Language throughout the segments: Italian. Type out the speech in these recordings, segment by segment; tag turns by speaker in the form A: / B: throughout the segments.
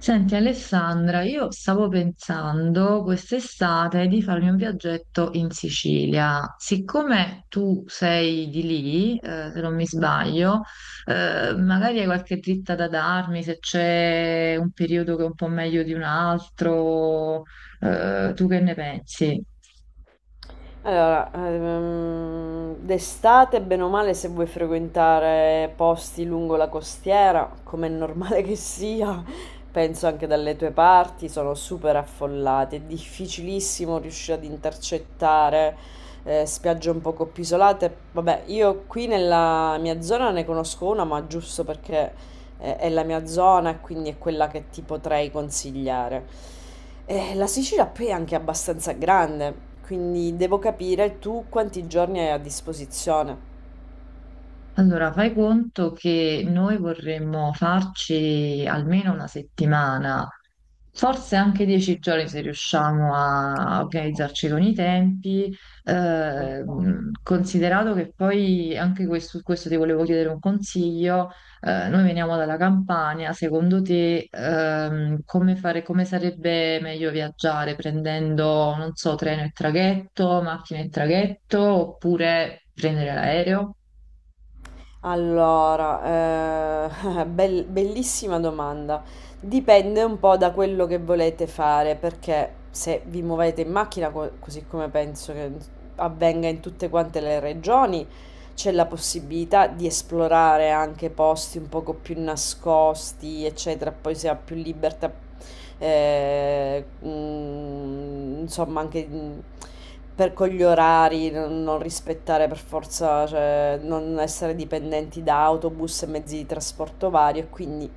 A: Senti Alessandra, io stavo pensando quest'estate di farmi un viaggetto in Sicilia. Siccome tu sei di lì, se non mi sbaglio, magari hai qualche dritta da darmi se c'è un periodo che è un po' meglio di un altro, tu che ne pensi?
B: Allora, d'estate, bene o male, se vuoi frequentare posti lungo la costiera, come è normale che sia, penso anche dalle tue parti, sono super affollate. È difficilissimo riuscire ad intercettare spiagge un poco più isolate. Vabbè, io qui nella mia zona ne conosco una, ma giusto perché è la mia zona e quindi è quella che ti potrei consigliare. La Sicilia poi è anche abbastanza grande, quindi devo capire tu quanti giorni hai a disposizione.
A: Allora, fai conto che noi vorremmo farci almeno una settimana, forse anche 10 giorni se riusciamo a organizzarci con i tempi.
B: Ok.
A: Eh, Considerato che poi anche questo, su questo ti volevo chiedere un consiglio. Noi veniamo dalla Campania, secondo te, come fare, come sarebbe meglio viaggiare prendendo, non so, treno e traghetto, macchina e traghetto oppure prendere l'aereo?
B: Allora, bellissima domanda. Dipende un po' da quello che volete fare, perché se vi muovete in macchina, così come penso che avvenga in tutte quante le regioni, c'è la possibilità di esplorare anche posti un poco più nascosti, eccetera. Poi si ha più libertà. Insomma anche, mhmm, per con gli orari non rispettare per forza, cioè non essere dipendenti da autobus e mezzi di trasporto vario, e quindi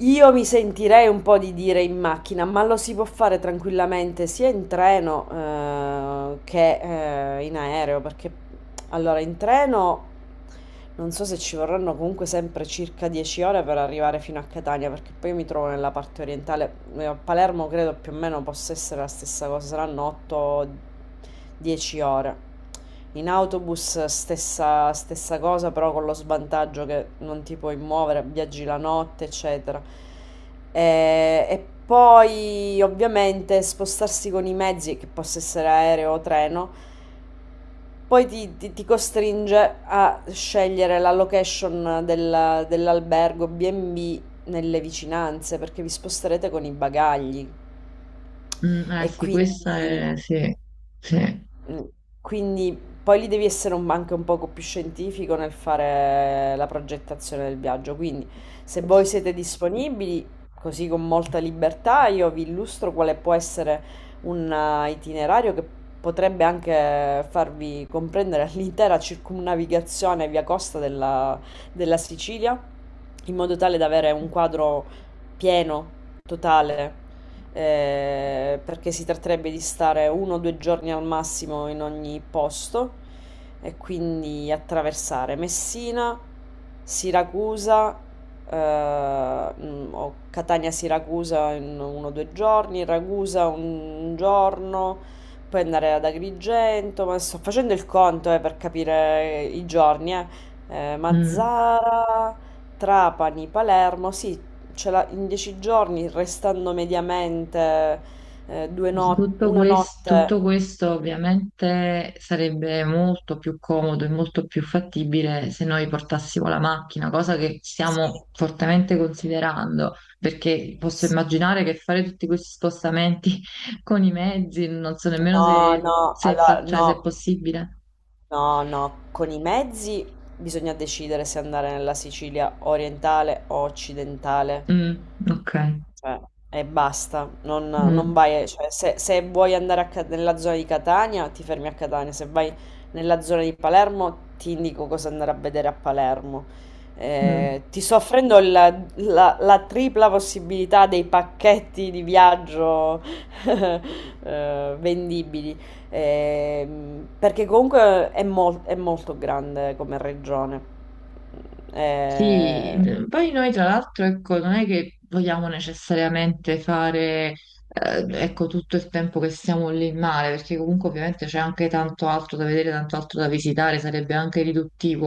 B: io mi sentirei un po' di dire in macchina, ma lo si può fare tranquillamente sia in treno, che, in aereo, perché allora in treno non so se ci vorranno comunque sempre circa 10 ore per arrivare fino a Catania, perché poi io mi trovo nella parte orientale. A Palermo credo più o meno possa essere la stessa cosa, saranno 8-10 ore. In autobus stessa cosa, però con lo svantaggio che non ti puoi muovere, viaggi la notte, eccetera. E poi ovviamente spostarsi con i mezzi, che possa essere aereo o treno, poi ti costringe a scegliere la location dell'albergo B&B nelle vicinanze, perché vi sposterete con i bagagli.
A: Mm, eh
B: E
A: sì,
B: quindi,
A: Sì, sì.
B: mm, quindi poi lì devi essere anche un poco più scientifico nel fare la progettazione del viaggio. Quindi, se voi siete disponibili, così con molta libertà, io vi illustro quale può essere un itinerario che potrebbe anche farvi comprendere l'intera circumnavigazione via costa della Sicilia, in modo tale da avere un quadro pieno, totale, perché si tratterebbe di stare uno o due giorni al massimo in ogni posto e quindi attraversare Messina, Siracusa, o Catania-Siracusa in uno o due giorni, Ragusa un giorno, poi andare ad Agrigento, ma sto facendo il conto, per capire i giorni, eh.
A: Mm.
B: Mazzara, Trapani, Palermo, sì, in 10 giorni, restando mediamente due no-
A: Tutto
B: una
A: quest-
B: notte,
A: tutto questo ovviamente sarebbe molto più comodo e molto più fattibile se noi portassimo la macchina, cosa che
B: sì.
A: stiamo fortemente considerando, perché posso immaginare che fare tutti questi spostamenti con i mezzi, non so nemmeno
B: No,
A: se,
B: no,
A: se, è,
B: allora,
A: fa- cioè,
B: no,
A: se è possibile.
B: no, no, con i mezzi bisogna decidere se andare nella Sicilia orientale o occidentale.
A: Mm, ok.
B: Cioè, e basta, non
A: Mm,
B: vai, cioè, se vuoi andare nella zona di Catania, ti fermi a Catania, se vai nella zona di Palermo, ti indico cosa andare a vedere a Palermo.
A: mm.
B: Ti sto offrendo la tripla possibilità dei pacchetti di viaggio vendibili. Perché comunque è molto grande come regione.
A: Sì,
B: Eh,
A: mm, poi noi tra l'altro, ecco, non è che vogliamo necessariamente fare, ecco, tutto il tempo che stiamo lì in mare, perché comunque ovviamente c'è anche tanto altro da vedere, tanto altro da visitare, sarebbe anche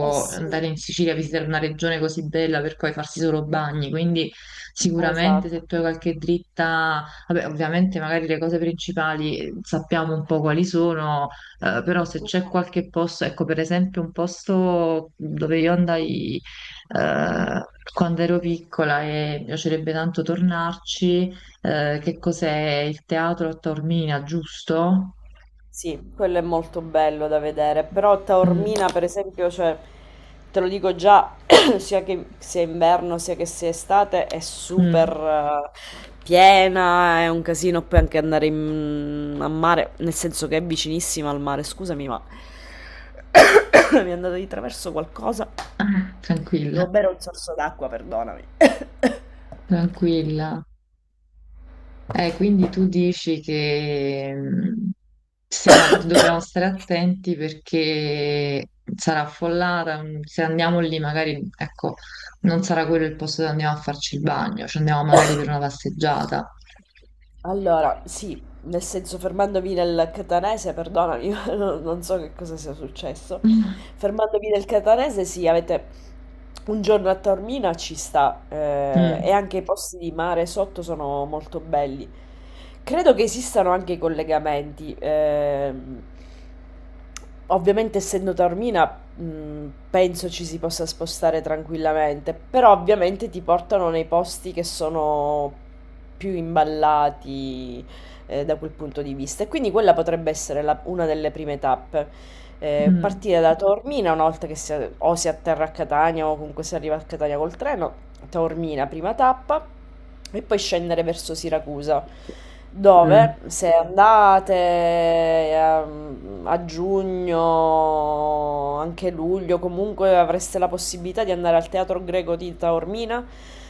B: eh sì,
A: andare in Sicilia a visitare una regione così bella per poi farsi solo bagni, quindi sicuramente
B: esatto.
A: se tu hai qualche dritta, vabbè, ovviamente magari le cose principali sappiamo un po' quali sono. Però se
B: Mh.
A: c'è qualche posto, ecco per esempio un posto dove io andai eh, quando ero piccola e mi piacerebbe tanto tornarci, che cos'è il teatro a Taormina, giusto?
B: Sì, quello è molto bello da vedere, però
A: Mm,
B: Taormina per esempio, cioè, te lo dico già, sia che sia inverno sia che sia estate, è super
A: mm.
B: piena, è un casino poi anche andare a mare, nel senso che è vicinissima al mare, scusami, ma mi è andato di traverso qualcosa.
A: Ah, tranquilla,
B: Devo bere un sorso d'acqua, perdonami.
A: tranquilla. Quindi tu dici che dobbiamo stare attenti perché sarà affollata, se andiamo lì magari, ecco, non sarà quello il posto dove andiamo a farci il bagno, ci andiamo magari per una passeggiata.
B: Allora, sì, nel senso fermandomi nel catanese, perdonami, ma non so che cosa sia successo. Fermandomi nel catanese, sì, avete un giorno a Taormina ci sta, e
A: Mm.
B: anche i posti di mare sotto sono molto belli. Credo che esistano anche i collegamenti. Ovviamente, essendo Taormina, penso ci si possa spostare tranquillamente, però ovviamente ti portano nei posti che sono più imballati, da quel punto di vista, e quindi quella potrebbe essere la una delle prime tappe. Ehm,
A: Mm,
B: partire da Taormina una volta che si a o si atterra a Catania, o comunque si arriva a Catania col treno. Taormina, prima tappa, e poi scendere verso Siracusa,
A: mm,
B: dove se andate a giugno, anche luglio, comunque avreste la possibilità di andare al Teatro Greco di Taormina,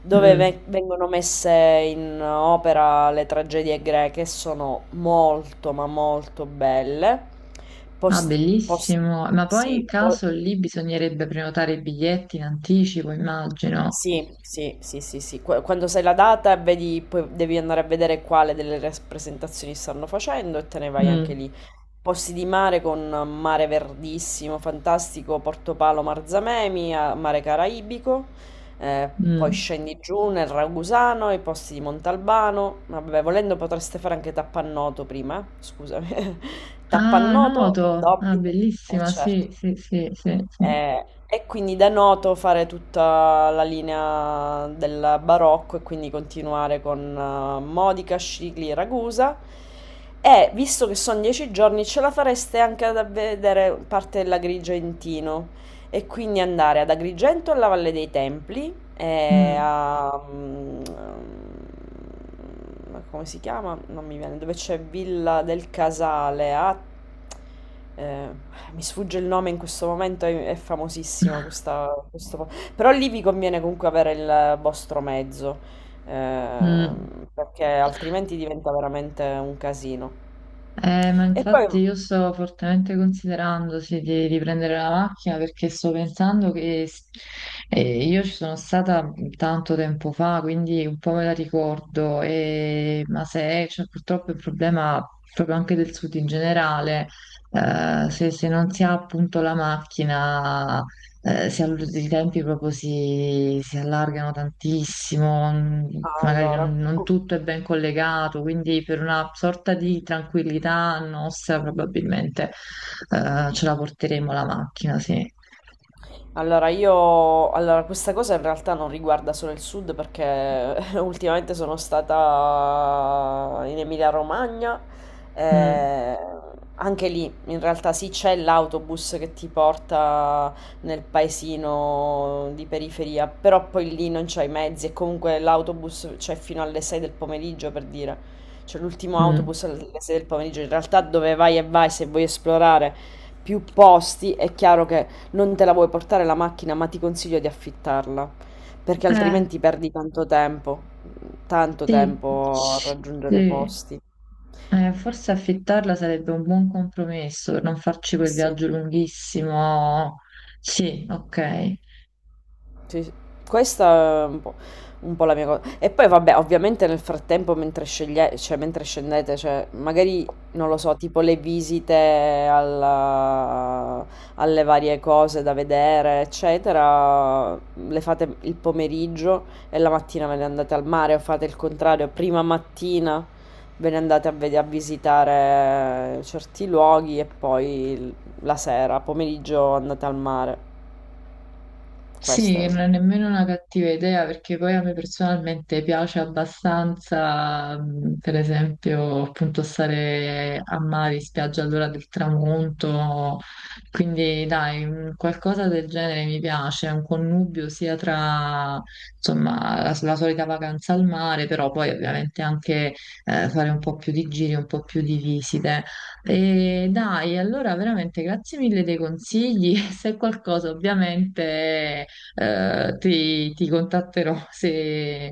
B: dove
A: mm.
B: vengono messe in opera le tragedie greche, sono molto ma molto belle.
A: Ah,
B: Post, post-
A: bellissimo. Ma poi in
B: sì,
A: caso lì bisognerebbe prenotare i biglietti in anticipo, immagino.
B: Sì, sì, sì, sì, sì. Quando sai la data e vedi, poi devi andare a vedere quale delle rappresentazioni stanno facendo e te ne vai anche
A: Mm,
B: lì. Posti di mare con mare verdissimo, fantastico, Portopalo, Marzamemi, mare caraibico, eh, poi
A: mm.
B: scendi giù nel Ragusano, i posti di Montalbano. Vabbè, volendo potreste fare anche Tappannoto prima, eh. Scusami.
A: Ah,
B: Tappannoto,
A: Noto. Ah,
B: d'obbligo, eh
A: bellissima, sì,
B: certo.
A: sì, sì, sì, sì.
B: Eh, e quindi da Noto fare tutta la linea del barocco e quindi continuare con Modica, Scicli, Ragusa. E visto che sono 10 giorni, ce la fareste anche ad vedere parte della Grigia in Tino. E quindi andare ad Agrigento alla Valle dei Templi e
A: Mm,
B: a, ma come si chiama? Non mi viene, dove c'è Villa del Casale, a, eh, mi sfugge il nome in questo momento, è famosissima questa. Però lì vi conviene comunque avere il vostro mezzo,
A: mm.
B: perché altrimenti diventa veramente un casino.
A: Ma
B: E poi,
A: infatti io sto fortemente considerando sì, di prendere la macchina perché sto pensando che io ci sono stata tanto tempo fa, quindi un po' me la ricordo, ma se c'è purtroppo il problema proprio anche del sud in generale, se non si ha appunto la macchina i tempi proprio si allargano tantissimo, magari
B: allora,
A: non
B: cu-
A: tutto è ben collegato, quindi per una sorta di tranquillità nostra probabilmente ce la porteremo la macchina, sì.
B: Allora, io, allora, questa cosa in realtà non riguarda solo il sud, perché ultimamente sono stata in Emilia-Romagna,
A: Mm,
B: eh, anche lì in realtà sì, c'è l'autobus che ti porta nel paesino di periferia, però poi lì non c'hai mezzi e comunque l'autobus c'è fino alle 6 del pomeriggio, per dire, c'è l'ultimo
A: mm.
B: autobus alle 6 del pomeriggio, in realtà dove vai e vai se vuoi esplorare più posti, è chiaro che non te la vuoi portare la macchina, ma ti consiglio di affittarla, perché
A: Eh,
B: altrimenti perdi tanto
A: sì,
B: tempo a raggiungere i
A: sì.
B: posti. Eh
A: Forse affittarla sarebbe un buon compromesso per non farci quel
B: sì.
A: viaggio lunghissimo. Sì, ok.
B: Sì, sì. Questa è un po' la mia cosa. E poi vabbè, ovviamente nel frattempo, mentre cioè, mentre scendete, cioè, magari, non lo so, tipo le visite alla- alle varie cose da vedere, eccetera, le fate il pomeriggio e la mattina ve ne andate al mare o fate il contrario, prima mattina ve ne andate a visitare certi luoghi e poi la sera, pomeriggio andate al mare. Questo
A: Sì,
B: è...
A: non è nemmeno una cattiva idea perché poi a me personalmente piace abbastanza, per esempio, appunto stare a mare, in spiaggia all'ora del tramonto, quindi dai, qualcosa del genere mi piace, un connubio sia tra, insomma, la solita vacanza al mare, però poi ovviamente anche fare un po' più di giri, un po' più di visite. E dai, allora veramente grazie mille dei consigli. Se qualcosa ovviamente ti contatterò se,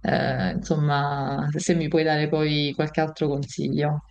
A: eh, insomma, se mi puoi dare poi qualche altro consiglio.